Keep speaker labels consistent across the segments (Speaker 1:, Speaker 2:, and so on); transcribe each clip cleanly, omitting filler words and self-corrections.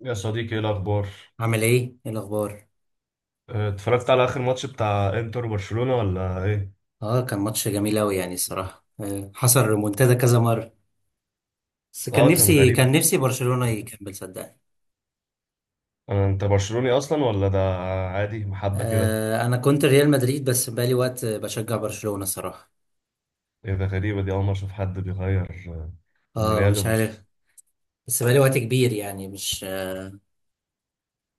Speaker 1: يا صديقي، ايه الاخبار؟
Speaker 2: عامل ايه؟ ايه الاخبار؟
Speaker 1: آه، اتفرجت على اخر ماتش بتاع انتر وبرشلونة ولا ايه؟
Speaker 2: اه، كان ماتش جميل اوي، يعني الصراحة حصل ريمونتادا كذا مرة، بس كان
Speaker 1: اه كان
Speaker 2: نفسي،
Speaker 1: غريب.
Speaker 2: كان نفسي برشلونة يكمل صدقني.
Speaker 1: آه، انت برشلوني اصلا ولا ده؟ عادي، محبة كده.
Speaker 2: آه، انا كنت ريال مدريد، بس بقالي وقت بشجع برشلونة صراحة.
Speaker 1: ايه ده؟ غريبة دي، اول مرة اشوف حد بيغير آه، من
Speaker 2: اه
Speaker 1: ريال
Speaker 2: مش
Speaker 1: لبرشلونة.
Speaker 2: عارف. بس بقالي وقت كبير يعني، مش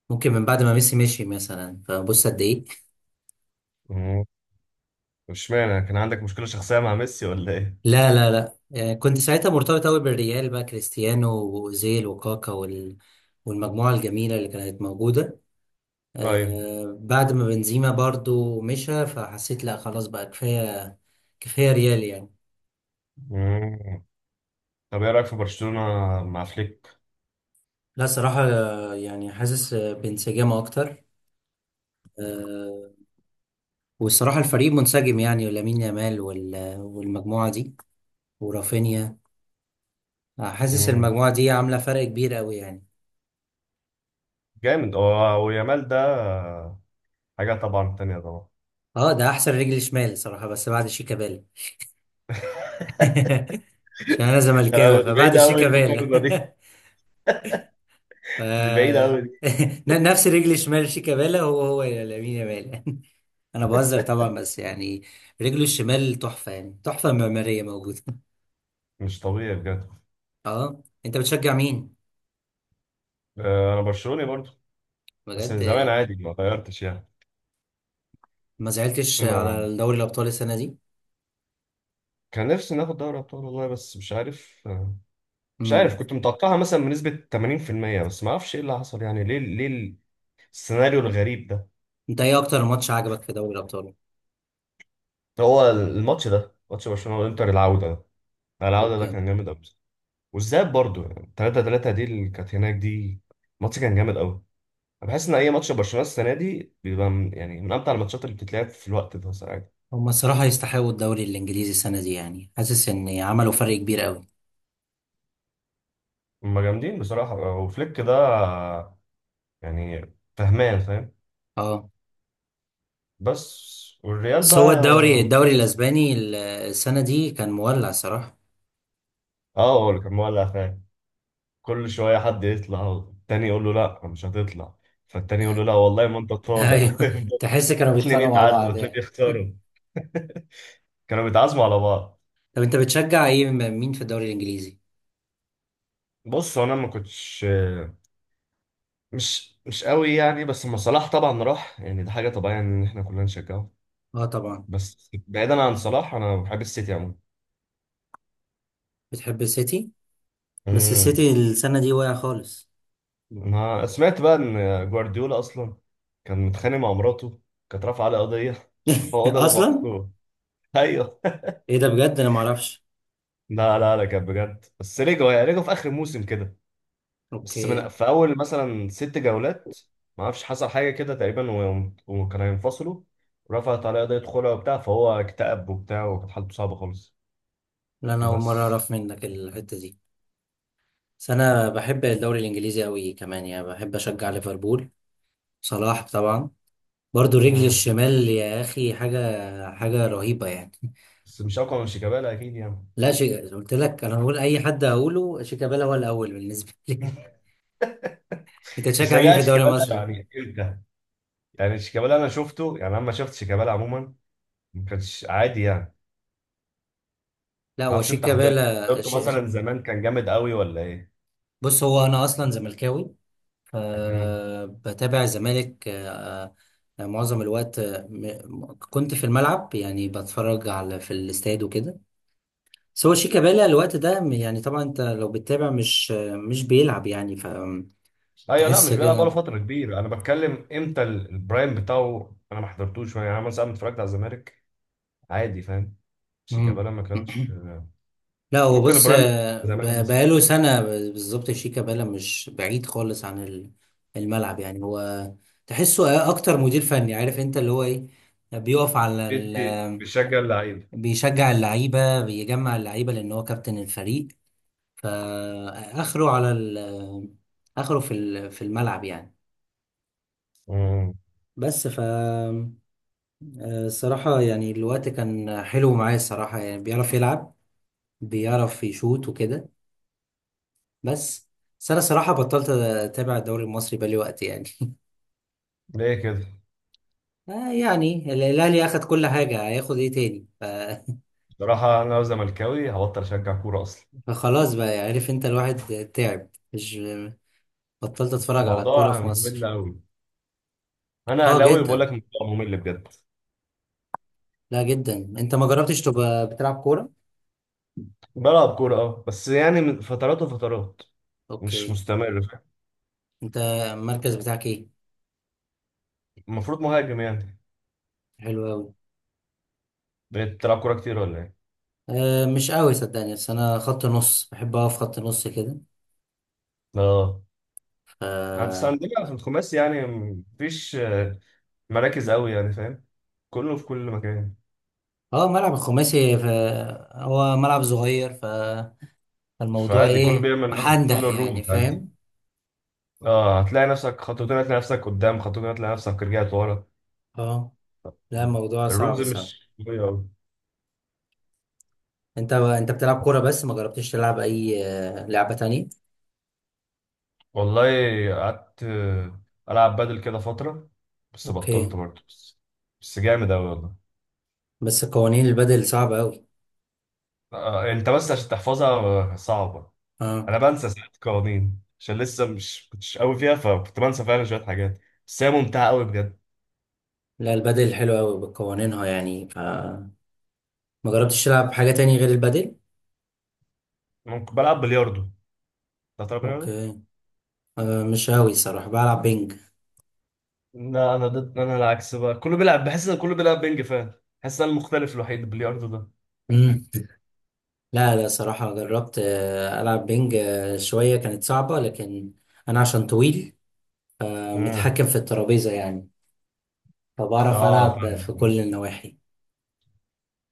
Speaker 2: ممكن من بعد ما ميسي مشي مثلا، فبص قد ايه.
Speaker 1: مم. اشمعنى، كان عندك مشكلة شخصية مع ميسي ولا ايه؟
Speaker 2: لا لا لا. آه، كنت ساعتها مرتبط اوي بالريال، بقى كريستيانو واوزيل وكاكا والمجموعة الجميلة اللي كانت موجودة.
Speaker 1: طيب.
Speaker 2: بعد ما بنزيما برضو مشى، فحسيت لا خلاص بقى كفاية. كفاية ريال يعني.
Speaker 1: مم. طب، ايه رايك في برشلونة مع فليك؟
Speaker 2: لا صراحة، يعني حاسس بانسجام أكتر. آه، والصراحة الفريق منسجم، يعني لامين يامال والمجموعة دي ورافينيا. حاسس
Speaker 1: مم.
Speaker 2: المجموعة دي عاملة فرق كبير أوي يعني.
Speaker 1: جامد هو، ويامال ده حاجة طبعا تانية طبعا.
Speaker 2: اه، ده أحسن رجل شمال صراحة، بس بعد شيكابالا. عشان أنا زملكاوي،
Speaker 1: لا، دي
Speaker 2: فبعد
Speaker 1: بعيدة أوي
Speaker 2: شيكابالا.
Speaker 1: المقارنة دي.
Speaker 2: ف...
Speaker 1: دي بعيدة أوي دي.
Speaker 2: نفس رجل الشمال شيكابالا، هو هو لامين يامال. انا بهزر طبعا، بس يعني رجله الشمال تحفه، يعني تحفه معماريه موجوده.
Speaker 1: مش طبيعي بجد.
Speaker 2: اه، انت بتشجع مين؟
Speaker 1: آه، انا برشلوني برضو. بس من
Speaker 2: بجد
Speaker 1: زمان، عادي ما غيرتش يعني.
Speaker 2: ما زعلتش
Speaker 1: ما
Speaker 2: على دوري الابطال السنه دي.
Speaker 1: كان نفسي ناخد دوري ابطال والله، بس مش عارف
Speaker 2: امم،
Speaker 1: كنت متوقعها مثلا بنسبة 80%، بس ما اعرفش ايه اللي حصل، يعني ليه ليه السيناريو الغريب ده؟
Speaker 2: انت ايه اكتر ماتش عجبك في دوري الابطال؟
Speaker 1: هو الماتش ده، ماتش برشلونة والانتر، العودة ده
Speaker 2: اوكي.
Speaker 1: كان جامد قوي. والذهاب برضو، يعني 3-3 دي اللي كانت هناك دي، الماتش كان جامد قوي. انا بحس ان اي ماتش برشلونة السنة دي بيبقى من امتع الماتشات اللي بتتلعب في الوقت ده ساعات.
Speaker 2: هما الصراحه يستحقوا الدوري الانجليزي السنه دي، يعني حاسس ان عملوا فرق كبير قوي.
Speaker 1: هم جامدين بصراحة، وفليك ده يعني فهمان فاهم.
Speaker 2: اه،
Speaker 1: بس والريال
Speaker 2: بس هو
Speaker 1: بقى.
Speaker 2: الدوري، الدوري الاسباني السنه دي كان مولع صراحه.
Speaker 1: اه، هو اللي كان مولع فعلا. كل شويه حد يطلع والتاني يقول له لا مش هتطلع، فالتاني يقول له لا والله ما انت طالع.
Speaker 2: ايوه، تحس كانوا
Speaker 1: اتنين
Speaker 2: بيتخانقوا مع
Speaker 1: يتعادلوا
Speaker 2: بعض
Speaker 1: اتنين
Speaker 2: يعني.
Speaker 1: يختاروا، كانوا بيتعازموا على بعض.
Speaker 2: طب انت بتشجع ايه مين في الدوري الانجليزي؟
Speaker 1: بص، هو انا ما كنتش مش قوي يعني، بس لما صلاح طبعا راح، يعني ده حاجه طبيعيه ان احنا كلنا نشجعه.
Speaker 2: اه طبعا.
Speaker 1: بس بعيدا عن صلاح، انا بحب السيتي عموما.
Speaker 2: بتحب السيتي؟ بس
Speaker 1: امم.
Speaker 2: السيتي السنه دي واقع خالص.
Speaker 1: انا سمعت بقى ان جوارديولا اصلا كان متخانق مع مراته، كانت رافعه عليه قضيه، هو ده اللي
Speaker 2: اصلا؟
Speaker 1: بوظوه. ايوه.
Speaker 2: ايه ده بجد، انا ما اعرفش.
Speaker 1: لا لا لا، كان بجد، بس رجعوا في اخر موسم كده. بس من
Speaker 2: اوكي.
Speaker 1: في اول مثلا ست جولات، ما اعرفش حصل حاجه كده تقريبا وكانوا ينفصلوا، رفعت عليه قضيه خلع وبتاع، فهو اكتئب وبتاع، وكانت حالته صعبه خالص.
Speaker 2: لا انا اول مره
Speaker 1: بس.
Speaker 2: اعرف منك الحته دي. بس انا بحب الدوري الانجليزي قوي كمان، يعني بحب اشجع ليفربول، صلاح طبعا، برضو رجل
Speaker 1: مم.
Speaker 2: الشمال. يا اخي حاجه، حاجه رهيبه يعني.
Speaker 1: بس مش اقوى من شيكابالا اكيد يعني.
Speaker 2: لا شيء قلت لك، انا بقول اي حد هقوله شيكابالا هو الاول بالنسبه لي. انت
Speaker 1: انت
Speaker 2: تشجع مين في
Speaker 1: شجعت
Speaker 2: الدوري
Speaker 1: شيكابالا
Speaker 2: المصري؟
Speaker 1: يعني امتى؟ يعني شيكابالا، انا شفته، يعني انا لما شفت شيكابالا عموما ما كانش عادي يعني.
Speaker 2: لا
Speaker 1: ما
Speaker 2: هو
Speaker 1: اعرفش
Speaker 2: شيك
Speaker 1: انت حضرت،
Speaker 2: كابالا
Speaker 1: حضرته مثلا زمان كان جامد قوي ولا ايه؟
Speaker 2: بص هو انا اصلا زملكاوي،
Speaker 1: مم.
Speaker 2: فبتابع الزمالك. معظم الوقت، كنت في الملعب، يعني بتفرج على في الاستاد وكده. بس هو شيك كابالا الوقت ده يعني طبعا انت لو بتتابع، مش بيلعب يعني،
Speaker 1: ايوه، لا
Speaker 2: فتحس
Speaker 1: مش بيلعب بقاله
Speaker 2: كده.
Speaker 1: فتره كبيره، انا بتكلم امتى البرايم بتاعه، انا ما حضرتوش يعني، انا مثلا أما اتفرجت على الزمالك عادي فاهم،
Speaker 2: مم.
Speaker 1: شيكابالا ما كانش،
Speaker 2: لا هو
Speaker 1: ممكن
Speaker 2: بص،
Speaker 1: البرايم بتاعه زمان مثلا،
Speaker 2: بقاله سنة بالظبط، شيكا بالا مش بعيد خالص عن الملعب يعني. هو تحسه أكتر مدير فني، عارف أنت اللي هو إيه، بيقف على ال،
Speaker 1: بيدي بيشجع اللعيبه.
Speaker 2: بيشجع اللعيبة، بيجمع اللعيبة، لأن هو كابتن الفريق. فآخره على ال، آخره في في الملعب يعني.
Speaker 1: امم.
Speaker 2: بس ف آه، الصراحة يعني الوقت كان حلو معايا، الصراحة يعني بيعرف يلعب، بيعرف يشوت وكده. بس بس انا صراحه بطلت اتابع الدوري المصري بقالي وقت يعني.
Speaker 1: ليه كده؟
Speaker 2: آه يعني الاهلي اخد كل حاجه، هياخد ايه تاني؟
Speaker 1: بصراحه انا لو زملكاوي هبطل اشجع كوره اصلا.
Speaker 2: فخلاص بقى يعني، عارف انت الواحد تعب، مش بطلت اتفرج على الكوره
Speaker 1: الموضوع
Speaker 2: في
Speaker 1: ممل
Speaker 2: مصر.
Speaker 1: قوي. انا
Speaker 2: اه
Speaker 1: اهلاوي بقول
Speaker 2: جدا.
Speaker 1: لك الموضوع ممل بجد.
Speaker 2: لا جدا، انت ما جربتش تبقى بتلعب كوره؟
Speaker 1: بلعب كوره اه، بس يعني من فترات وفترات، مش
Speaker 2: اوكي.
Speaker 1: مستمر فاهم؟
Speaker 2: انت المركز بتاعك ايه؟
Speaker 1: المفروض مهاجم يعني.
Speaker 2: حلو قوي.
Speaker 1: بقيت بتلعب كوره كتير ولا ايه؟
Speaker 2: آه مش قوي صدقني، بس انا خط نص، بحب اقف خط نص كده.
Speaker 1: اه، بس
Speaker 2: ف،
Speaker 1: عندنا في الخماس يعني مفيش مراكز قوي يعني فاهم، كله في كل مكان.
Speaker 2: اه ملعب الخماسي هو ملعب صغير، الموضوع
Speaker 1: فعادي كله
Speaker 2: ايه
Speaker 1: بيعمل
Speaker 2: محندق
Speaker 1: كله
Speaker 2: يعني،
Speaker 1: الروم عادي.
Speaker 2: فاهم؟
Speaker 1: اه، هتلاقي نفسك خطوتين، هتلاقي نفسك قدام خطوتين، هتلاقي نفسك رجعت ورا.
Speaker 2: اه. لا الموضوع
Speaker 1: الرولز
Speaker 2: صعب صعب.
Speaker 1: مش قوية أوي.
Speaker 2: انت بتلعب كورة، بس ما جربتش تلعب اي لعبة تانية؟
Speaker 1: والله قعدت ألعب بادل كده فترة، بس بطلت
Speaker 2: اوكي.
Speaker 1: برضه بس. بس جامد أوي والله.
Speaker 2: بس قوانين البدل صعبة اوي.
Speaker 1: آه، أنت بس عشان تحفظها. آه، صعبة.
Speaker 2: اه.
Speaker 1: أنا بنسى ساعات قوانين عشان لسه مش كنتش قوي فيها، فكنت بنسى فعلا شوية حاجات. بس هي ممتعة أوي بجد.
Speaker 2: لا البدل حلو اوي بقوانينها يعني. ف، ما جربتش تلعب حاجة تانية غير البدل؟
Speaker 1: ممكن بلعب بلياردو. ده، تلعب بلياردو؟
Speaker 2: اوكي. آه مش اوي صراحة بلعب بينج.
Speaker 1: لا، انا ضد، انا العكس بقى، كله بيلعب، بحس ان كله بيلعب بينج فاهم. بحس ان أنا المختلف الوحيد، البلياردو ده.
Speaker 2: مم. لا صراحة جربت العب بينج شوية، كانت صعبة لكن انا عشان طويل،
Speaker 1: امم.
Speaker 2: متحكم في الترابيزة يعني، فبعرف
Speaker 1: اه
Speaker 2: ألعب
Speaker 1: فاهم.
Speaker 2: في كل النواحي.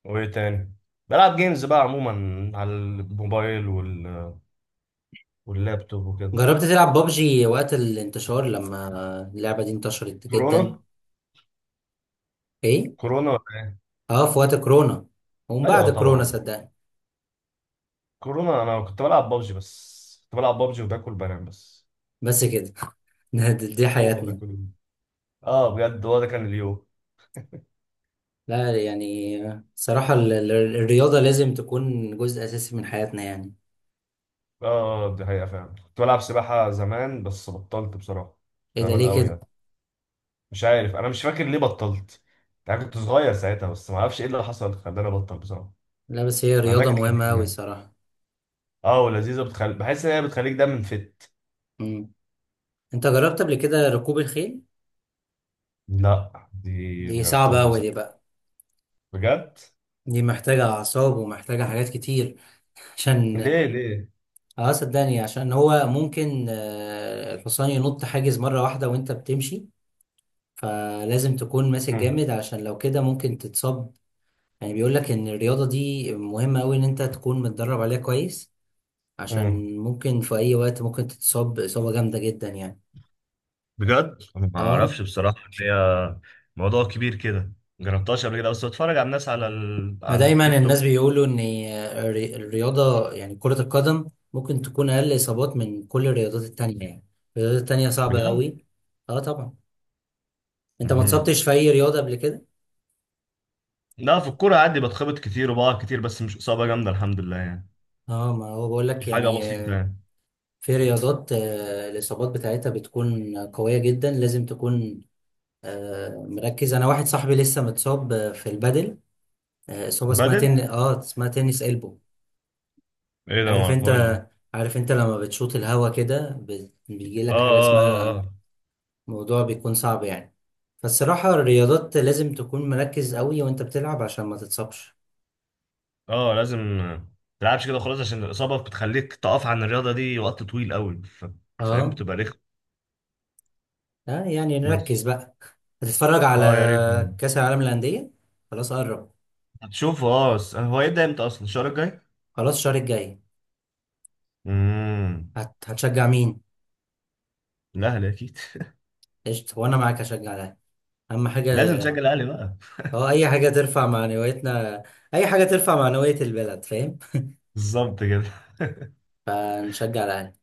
Speaker 1: وايه تاني؟ بلعب جيمز بقى عموما على الموبايل واللابتوب وكده.
Speaker 2: جربت تلعب بابجي وقت الانتشار، لما اللعبة دي انتشرت جدا؟
Speaker 1: كورونا.
Speaker 2: ايه؟
Speaker 1: كورونا ولا ايه؟
Speaker 2: اه في وقت كورونا، ومن بعد
Speaker 1: ايوه
Speaker 2: كورونا
Speaker 1: طبعا.
Speaker 2: صدقني.
Speaker 1: كورونا انا كنت بلعب بابجي بس، كنت بلعب بابجي وباكل بنام بس.
Speaker 2: بس كده. دي
Speaker 1: هو ده
Speaker 2: حياتنا.
Speaker 1: كله. اه بجد، هو ده كان اليوم.
Speaker 2: لا يعني، صراحة الرياضة لازم تكون جزء أساسي من حياتنا يعني.
Speaker 1: اه، دي حقيقة فعلا، كنت بلعب سباحة زمان بس بطلت بصراحة.
Speaker 2: ايه ده
Speaker 1: زمان
Speaker 2: ليه
Speaker 1: قوي
Speaker 2: كده؟
Speaker 1: يعني. مش عارف، انا مش فاكر ليه بطلت، يعني كنت صغير ساعتها، بس ما اعرفش ايه اللي حصل خلاني ابطل بصراحه.
Speaker 2: لا بس هي
Speaker 1: مع انها
Speaker 2: رياضة
Speaker 1: كانت
Speaker 2: مهمة
Speaker 1: لذيذه
Speaker 2: أوي
Speaker 1: يعني.
Speaker 2: صراحة.
Speaker 1: اه، ولذيذه، بحس ان هي بتخليك دايما.
Speaker 2: مم. انت جربت قبل كده ركوب الخيل؟
Speaker 1: لا، دي ما
Speaker 2: دي صعبة
Speaker 1: جربتهاش
Speaker 2: أوي دي
Speaker 1: بصراحه.
Speaker 2: بقى،
Speaker 1: بجد.
Speaker 2: دي محتاجة أعصاب ومحتاجة حاجات كتير. عشان،
Speaker 1: ليه ليه؟
Speaker 2: اه صدقني، عشان هو ممكن الحصان ينط حاجز مرة واحدة وانت بتمشي، فلازم تكون ماسك
Speaker 1: مم.
Speaker 2: جامد، عشان لو كده ممكن تتصاب. يعني بيقول لك ان الرياضة دي مهمة قوي، ان انت تكون متدرب عليها كويس،
Speaker 1: مم.
Speaker 2: عشان ممكن في اي وقت ممكن تتصاب اصابة جامدة جدا يعني.
Speaker 1: بجد أنا ما
Speaker 2: اه،
Speaker 1: اعرفش بصراحه، إن هي موضوع كبير كده. ما جربتهاش قبل كده، بس بتفرج على الناس
Speaker 2: ما
Speaker 1: على
Speaker 2: دايما
Speaker 1: التيك
Speaker 2: الناس
Speaker 1: توك.
Speaker 2: بيقولوا ان الرياضة يعني كرة القدم ممكن تكون اقل اصابات من كل الرياضات التانية يعني. الرياضات التانية صعبة
Speaker 1: بجد.
Speaker 2: قوي. اه طبعا. انت ما
Speaker 1: مم.
Speaker 2: اتصبتش في اي رياضة قبل كده؟
Speaker 1: لا، في الكوره عادي بتخبط كتير وبقع كتير، بس مش اصابه جامده، الحمد لله يعني.
Speaker 2: اه، ما هو بقول
Speaker 1: دي
Speaker 2: لك
Speaker 1: حاجه
Speaker 2: يعني،
Speaker 1: بسيطه يعني.
Speaker 2: في رياضات الإصابات بتاعتها بتكون قوية جدا، لازم تكون مركز. أنا واحد صاحبي لسه متصاب في البادل، إصابة اسمها
Speaker 1: بدل.
Speaker 2: تن، اه اسمها تنس إلبو.
Speaker 1: ايه ده؟ ما
Speaker 2: عارف أنت،
Speaker 1: اعرفهاش دي.
Speaker 2: عارف أنت لما بتشوط الهوا كده، بيجي
Speaker 1: اه
Speaker 2: لك حاجة
Speaker 1: اه
Speaker 2: اسمها،
Speaker 1: اه.
Speaker 2: موضوع بيكون صعب يعني. فالصراحة الرياضات لازم تكون مركز قوي وأنت بتلعب عشان ما تتصابش.
Speaker 1: اه اه. لازم ما تلعبش كده خلاص، عشان الاصابه بتخليك تقف عن الرياضه دي وقت طويل قوي، فاهم،
Speaker 2: اه،
Speaker 1: بتبقى رخم.
Speaker 2: يعني نركز
Speaker 1: بس.
Speaker 2: بقى. هتتفرج
Speaker 1: اه يا ريت.
Speaker 2: على كأس العالم للأندية؟ خلاص قرب،
Speaker 1: هتشوف، اه بس هو هيبدا امتى اصلا؟ الشهر الجاي.
Speaker 2: خلاص الشهر الجاي.
Speaker 1: امم.
Speaker 2: هتشجع مين؟
Speaker 1: الاهلي اكيد.
Speaker 2: قشطة، وانا معاك هشجع ده، اهم حاجة.
Speaker 1: لازم تشجع الاهلي بقى.
Speaker 2: اه، اي حاجة ترفع معنويتنا، اي حاجة ترفع معنوية البلد، فاهم؟
Speaker 1: بالظبط كده.
Speaker 2: فنشجع الاهلي.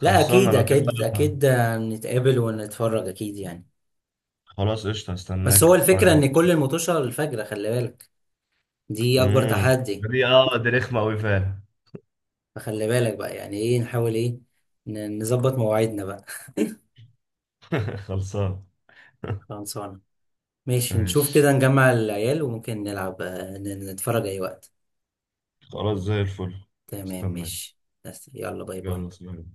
Speaker 2: لا
Speaker 1: خلصانه
Speaker 2: اكيد
Speaker 1: لو كده
Speaker 2: اكيد
Speaker 1: بقى.
Speaker 2: اكيد، نتقابل ونتفرج اكيد يعني.
Speaker 1: خلاص قشطه،
Speaker 2: بس
Speaker 1: هستناك
Speaker 2: هو
Speaker 1: اتفرج
Speaker 2: الفكرة
Speaker 1: معاك.
Speaker 2: ان كل المطوشة الفجرة، خلي بالك دي اكبر
Speaker 1: امم.
Speaker 2: تحدي.
Speaker 1: دي رخمه قوي فعلا.
Speaker 2: فخلي بالك بقى، يعني ايه، نحاول ايه، نظبط مواعيدنا بقى.
Speaker 1: خلصانه.
Speaker 2: خلصانة، ماشي، نشوف
Speaker 1: ماشي
Speaker 2: كده، نجمع العيال وممكن نلعب، نتفرج اي وقت.
Speaker 1: خلاص زي الفل.
Speaker 2: تمام
Speaker 1: استناك.
Speaker 2: ماشي. بس يلا، باي باي.
Speaker 1: يلا سلام.